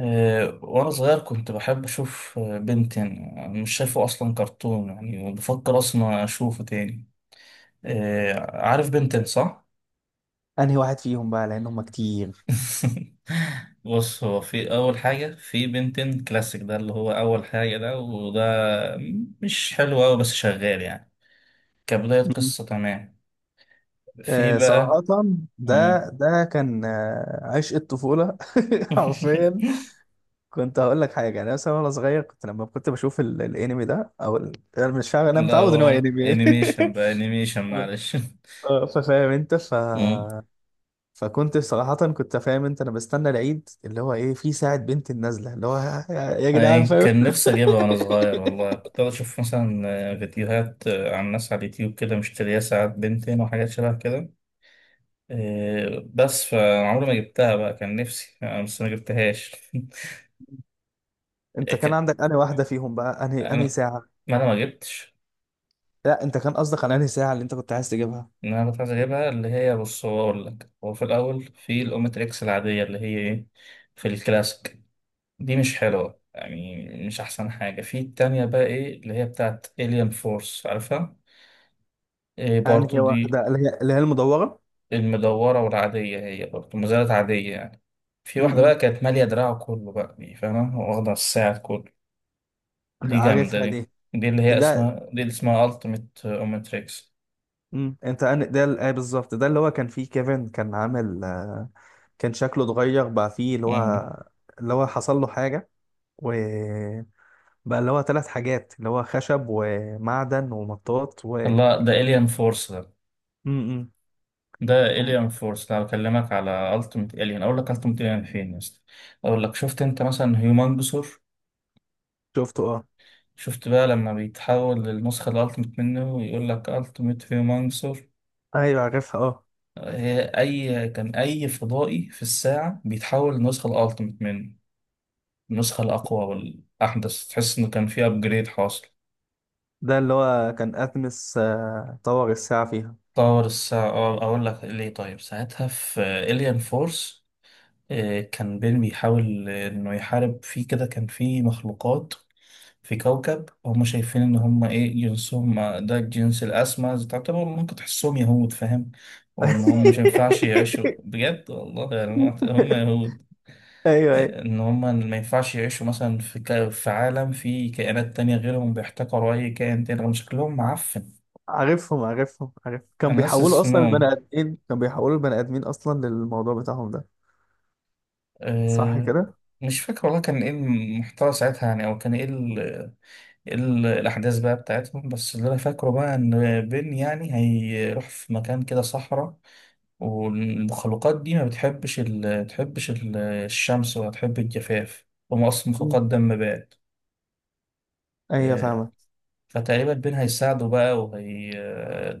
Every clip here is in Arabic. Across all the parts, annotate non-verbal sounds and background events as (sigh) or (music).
وأنا صغير كنت بحب أشوف بنتين. مش شايفه أصلا كرتون يعني، وبفكر أصلا أشوفه تاني. عارف بنتين صح؟ انهي واحد فيهم بقى لان هم كتير؟ (laughs) بص، هو في أول حاجة في بنتين كلاسيك، ده اللي هو أول حاجة، ده وده مش حلو أوي بس شغال يعني، كبداية مم. قصة تمام. في آه، بقى. صراحة ده مم. ده كان عشق الطفولة. (laughs) حرفيا. (laughs) كنت هقول لك حاجة يعني مثلا وانا صغير كنت لما كنت بشوف الانمي ده او انا مش فاهم، انا لا متعود ان هو هو انمي. انيميشن بقى، (laughs) انيميشن اه. معلش. ففاهم انت (laughs) فكنت صراحة كنت فاهم انت، انا بستنى العيد اللي هو ايه، في ساعة بنت النازلة اللي هو يا جدعان، يعني فاهم. (laughs) كان نفسي أجيبها وأنا صغير والله، كنت أشوف مثلا فيديوهات عن ناس على اليوتيوب كده مشتريها ساعات بنتين وحاجات شبه كده. إيه، بس فعمري ما جبتها بقى، كان نفسي أنا بس ما جبتهاش. (laughs) انت إيه، كان عندك انهي واحدة فيهم بقى، انهي أنا، ساعة؟ ما أنا ما جبتش. لا، انت كان قصدك على انهي ساعه اللي انت كنت عايز تجيبها. إن أنا كنت عايز أجيبها اللي هي، بص هو أقول لك، هو في الأول في الأومتريكس العادية اللي هي إيه، في الكلاسيك. دي مش حلوة يعني، مش أحسن حاجة. في التانية بقى إيه اللي هي بتاعت إليان فورس، عارفها؟ إيه برضو انهي دي واحده اللي هي المدوره. المدورة والعادية، هي برضه مزارات عادية يعني. في واحدة بقى امم، كانت مالية دراعه كله بقى، دي فاهمة، واخدة الساعة كله. دي جامدة عارفها دي. دي. دي اللي هي ده. اسمها، دي اللي اسمها ألتيميت أوميتريكس. انت ده ايه بالظبط ده اللي هو كان فيه كيفن كان عامل كان شكله اتغير بقى فيه اللي هو، اللي هو حصل له حاجه، وبقى اللي هو ثلاث حاجات، اللي هو خشب ومعدن ومطاط و الله، ده إليان فورس ده. امم ده إليان فورس، ده بكلمك على ألتيميت إليان. أقول لك ألتيميت إليان فين يا اسطى. أقول لك، شفت أنت مثلا هيومانجسور؟ شفته، اه. شفت بقى لما بيتحول للنسخة الألتيميت منه ويقول لك ألتيميت هيومانجسور. ايوه عارفها، اه. هي أي كان، أي فضائي في الساعة بيتحول للنسخة الألتيميت منه، النسخة الأقوى والأحدث، تحس إنه كان في أبجريد حاصل. ده اللي هو كان اتمس طور الساعه فيها. طور الساعة، أه أقول لك ليه. طيب، ساعتها في إليان فورس كان بين بيحاول إنه يحارب فيه كده، كان في مخلوقات في كوكب هم شايفين إن هم إيه، جنسهم ده الجنس الأسمى، تعتبر ممكن تحسهم يهود فاهم. وإن هم مش ينفعش يعيشوا (laughs) بجد والله، يعني هم يهود. ايوه، ايوه. ان هم ما ينفعش يعيشوا مثلا في عالم فيه كائنات تانية غيرهم، بيحتقروا اي كائن تاني رغم شكلهم معفن. عارف، كان انا ناسي بيحولوا اصلا البني اسمهم. ادمين، كان بيحولوا البني ادمين اصلا للموضوع بتاعهم ده. صح أه... كده. مش فاكر والله، كان ايه المحتوى ساعتها يعني، او كان ايه إيه الاحداث بقى بتاعتهم. بس اللي انا فاكره بقى ان بن يعني هيروح في مكان كده صحراء، والمخلوقات دي ما بتحبش الشمس ولا تحب الجفاف، هم اصلا مم. مخلوقات دم بارد. ايوه، فاهمه. فتقريبا بين هيساعده بقى، وهي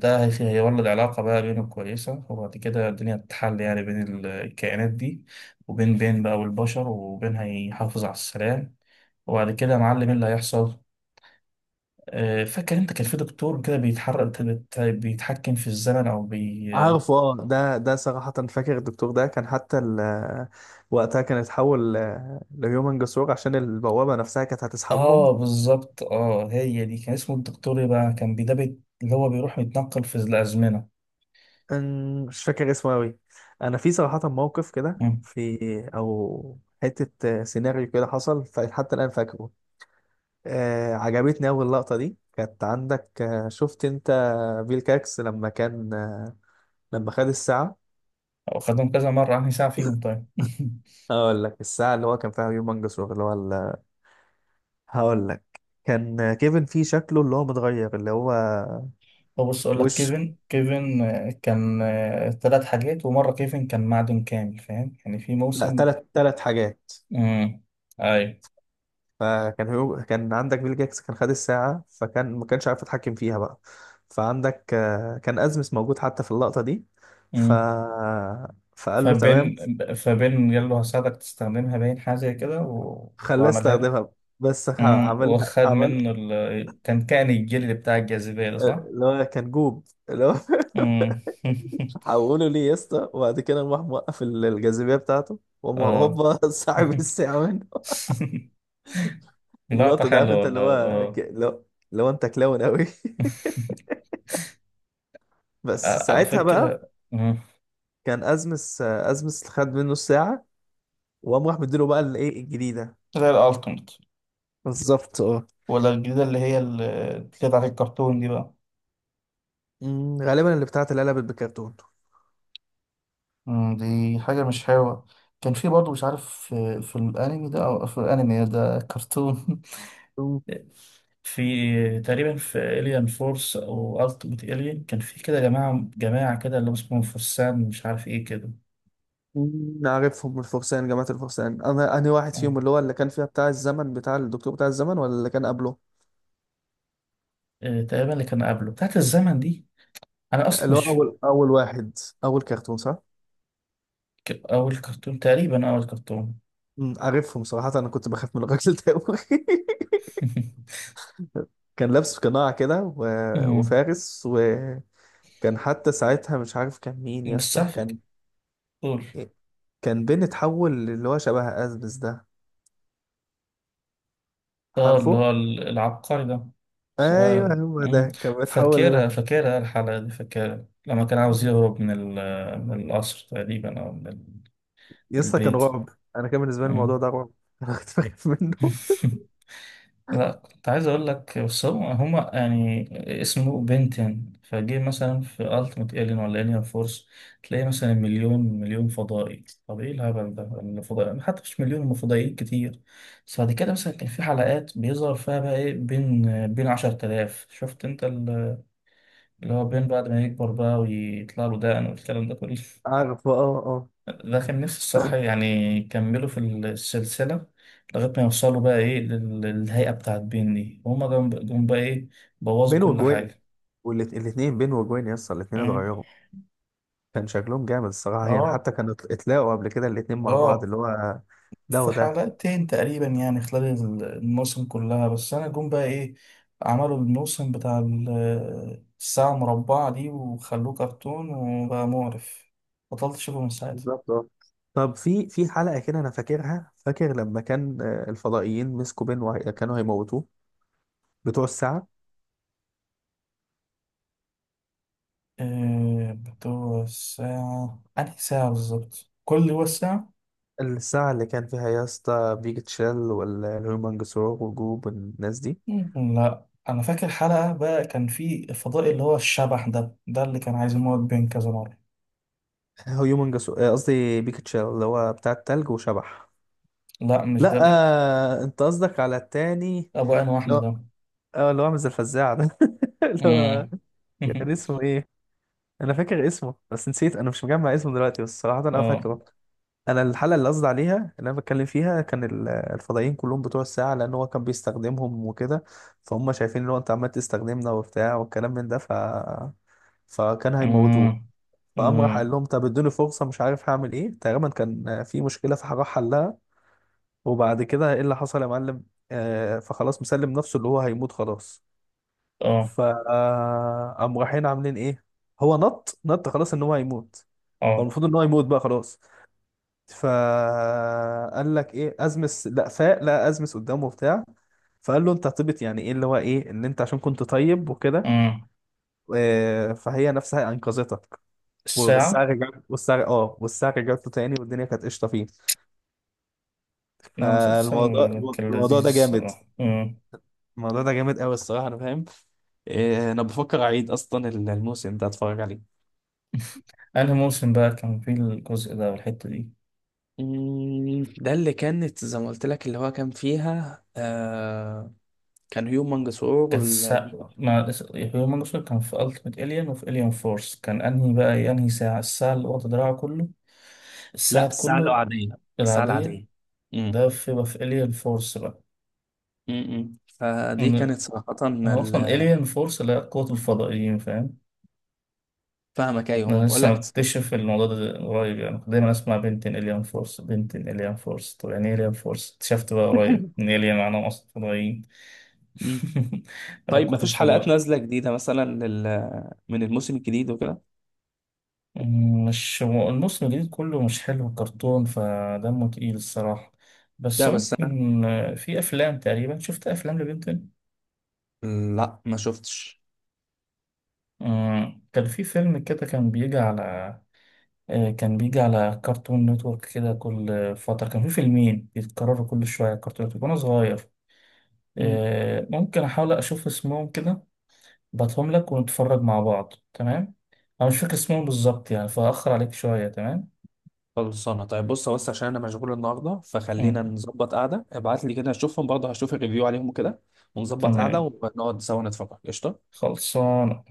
هيولد علاقة بقى بينه كويسة، وبعد كده الدنيا تتحل يعني بين الكائنات دي وبين بقى والبشر، وبين هيحافظ على السلام. وبعد كده يا معلم ايه اللي هيحصل. فاكر انت كان في دكتور كده بيتحرك بيتحكم في الزمن او بي. عارفه، اه. ده صراحه فاكر الدكتور ده، كان حتى وقتها كان اتحول ل- لهيومن جسور عشان البوابه نفسها كانت هتسحبهم. اه بالظبط، اه هي دي، كان اسمه الدكتور ايه بقى، كان بيدبت اللي هو بيروح يتنقل في الأزمنة. مش فاكر اسمه قوي. انا في صراحه موقف كده، مم. في او حته سيناريو كده حصل حتى الان فاكره. عجبتني أول لقطة، دي كانت عندك. شفت أنت بيل كاكس لما كان لما خد الساعة. أو خدهم كذا مرة، عني ساعة فيهم طيب. (laughs) أقول لك، الساعة اللي هو كان فيها هيومنجس اللي هو هقول لك، كان كيفن فيه شكله اللي هو متغير، اللي هو بص اقول لك، وش. كيفن، كان ثلاث حاجات، ومره كيفن كان معدن كامل فاهم يعني في لا، موسم. تلت حاجات. امم. اي. فكان كان عندك بيل جاكس كان خد الساعة فكان ما كانش عارف يتحكم فيها بقى. فعندك كان أزمس موجود حتى في اللقطة دي. ف... امم. فقال له تمام. فبين فبين قال له هساعدك تستخدمها، باين حاجه زي كده و... خلاه وعملها له. يستخدمها. بس امم، عملها، وخد عمل منه كان كائن الجلد بتاع الجاذبيه ده صح. اللي هو كان جوب اللي هو. (laughs) امم. (laughs) حوله ليه يا اسطى، وبعد كده راح موقف الجاذبيه بتاعته، وقام اه. هوبا (laughs) سحب الساعه منه. (laughs) لقطه اللقطه ده، عارف حلوه انت والله اللي هو اه. اللي هو، اللي هو انت كلاون قوي. (laughs) (laughs) بس على ساعتها بقى فكره، مم. كان ازمس خد منه الساعه، وقام راح مديله بقى الايه الجديده. زي الالتيميت بالظبط، اه. ولا الجديدة اللي هي اللي بتاعت الكرتون دي بقى؟ غالبا اللي بتاعت العلب بالكرتون. مم، دي حاجة مش حلوة. كان في برضه مش عارف، في الأنمي ده أو في الأنمي ده كرتون. أمم، (laughs) في تقريبا في إليان فورس أو ألتيميت إليان، كان في كده جماعة كده اللي هم اسمهم فرسان، مش عارف إيه كده. عارفهم الفرسان، جماعة الفرسان. أنا أنهي واحد آه. فيهم، اللي هو اللي كان فيها بتاع الزمن، بتاع الدكتور بتاع الزمن، ولا اللي كان قبله؟ تقريبا اللي كان قبله بتاعت الزمن دي. أنا أصلا اللي هو مش، اول واحد، اول كرتون، صح؟ أول كرتون تقريبا، أول كرتون. عارفهم. صراحة انا كنت بخاف من الراجل ده أوي. (laughs) (laughs) كان لابس قناع كده مم. وفارس، وكان حتى ساعتها مش عارف كان مين يا بس اسطى. عارف، كان قول. كان بين اتحول اللي هو شبه ازبس ده، اه اللي عارفه؟ هو العبقري ده، ايوه، صغير. هو مم. ده كان بيتحول فاكرها، لده. فاكرها الحلقة دي، فاكرها لما كان عاوز يهرب من من القصر تقريبا أو من يا اسطى، كان البيت. رعب. انا كان بالنسبة لي الموضوع مم. ده رعب. (laughs) انا كنت بخاف منه. (laughs) لا كنت عايز اقول لك، بس هم هما يعني اسمه بنتين فجه. مثلا في التيمت الين ولا الين فورس تلاقي مثلا مليون فضائي، طب ايه الهبل ده الفضائي، حتى مش مليون، هم فضائيين كتير. بس بعد كده مثلا كان في حلقات بيظهر فيها بقى ايه، بين 10,000، شفت انت اللي هو بين بعد ما يكبر بقى ويطلع له دقن والكلام ده كله. (laughs) عارفه، اه، اه. ده كان نفسي الصراحة يعني يكملوا في السلسلة لغاية ما يوصلوا بقى إيه للهيئة بتاعت بين دي، وهما جم بقى إيه، بوظوا بين كل وجوين، حاجة. والاتنين بين وجوين يا اسطى الاتنين مم. اتغيروا. كان شكلهم جامد الصراحة يعني، آه. حتى كانوا اتلاقوا قبل كده الاتنين مع بعض، آه. اللي هو ده في وده. حلقتين تقريبا يعني خلال الموسم كلها، بس أنا جم بقى إيه، عملوا الموسم بتاع الساعة المربعة دي، وخلوه كرتون وبقى مقرف، بطلت أشوفه من ساعتها. بالظبط، اه. طب في حلقة كده أنا فاكرها، فاكر لما كان الفضائيين مسكوا بين كانوا هيموتوه. بتوع الساعة. بتوع الساعة أنهي ساعة بالظبط؟ كل هو الساعة؟ الساعة اللي كان فيها يا اسطى بيك تشيل والهيومن جسور وجوب والناس دي. مم. لا انا فاكر حلقة بقى، كان في الفضائي اللي هو الشبح ده، ده اللي كان عايز يموت بين كذا مرة. هيومن جسور، قصدي بيك تشيل، اللي هو بتاع التلج وشبح. لا مش ده لا. بيك، انت قصدك على التاني، ابو عين اللي واحدة هو، ده. اه، اللي هو عامل زي الفزاعة ده. (laughs) اللي هو، امم. كان (laughs) اسمه ايه؟ انا فاكر اسمه بس نسيت، انا مش مجمع اسمه دلوقتي بس صراحه انا اه. فاكره. انا الحلقه اللي قصدي عليها اللي انا بتكلم فيها، كان الفضائيين كلهم بتوع الساعه لان هو كان بيستخدمهم وكده. فهم شايفين ان هو انت عمال تستخدمنا وبتاع والكلام من ده فكان هيموتوه. امم. فقام راح قال امم. لهم طب ادوني فرصه، مش عارف هعمل ايه، تقريبا كان في مشكله فراح حلها. وبعد كده ايه اللي حصل يا معلم. فخلاص مسلم نفسه اللي هو هيموت خلاص. اه. ف قام رايحين عاملين ايه. هو نط نط، خلاص ان هو هيموت. هو اه. المفروض ان هو يموت بقى خلاص. فقال لك ايه، ازمس، لا فاق، لا ازمس قدامه بتاع. فقال له انت هتبت، يعني ايه اللي هو ايه، ان انت عشان كنت طيب وكده. امم. فهي نفسها انقذتك. والساعه الساعة. رجعت، والساعه رجعت له تاني، والدنيا كانت قشطه فيك. ده مسلسل فالموضوع، كان الموضوع لذيذ ده جامد. الصراحة، امم. الموضوع ده جامد قوي الصراحه، انا فاهم. انا بفكر اعيد اصلا الموسم ده اتفرج عليه. (laughs) انهي موسم بقى كان فيه الجزء ده والحتة دي؟ ده اللي كانت زي ما قلت لك، اللي هو كان فيها كان هيوم منجسور كانت الساعة، ما هيومن جوسل كان في ألتيميت إليان، وفي إليان فورس كان أنهي بقى، أنهي ساعة؟ الساعة اللي واخدة دراعه كله لا، الساعة الساعة كله؟ العادية. الساعة العادية. العادية. مم. ده في بقى في إليان فورس بقى. مم، مم. فدي إن- كانت صراحة هو أصلا إليان فورس اللي هي قوة الفضائيين فاهم. فاهمك، ايوه، ما أنا بقول لسه لك. مكتشف الموضوع ده قريب يعني، كنت دايما أسمع بنتين إليان فورس بنتين إليان فورس، طب يعني إيه إليان فورس؟ اكتشفت بقى قريب (laughs) إن إليان معناهم أصلا فضائيين. مم. (laughs) ولا طيب، ما قوة فيش حلقات الفضاء. نازلة جديدة مثلا من الموسم الجديد وكده؟ مم، مش هو الموسم الجديد كله مش حلو كرتون، فدمه تقيل الصراحة. بس لا بس انا، ممكن في أفلام تقريبا، شفت أفلام لبنتين. لا ما شفتش. مم، كان في فيلم كده كان بيجي على كان بيجي على كرتون نتورك كده كل فترة، كان في فيلمين بيتكرروا كل شوية كرتون نتورك وأنا صغير. ممكن أحاول أشوف اسمهم كده، بعتهم لك ونتفرج مع بعض تمام. أنا مش فاكر اسمهم بالظبط يعني، فأخر عليك شوية تمام. خلصانه طيب، بص بس عشان انا مشغول النهارده فخلينا مم، نظبط قعده، ابعت لي كده اشوفهم برضه، هشوف الريفيو عليهم كده، ونظبط قعده تمام، ونقعد سوا نتفرج، قشطه. خلصان.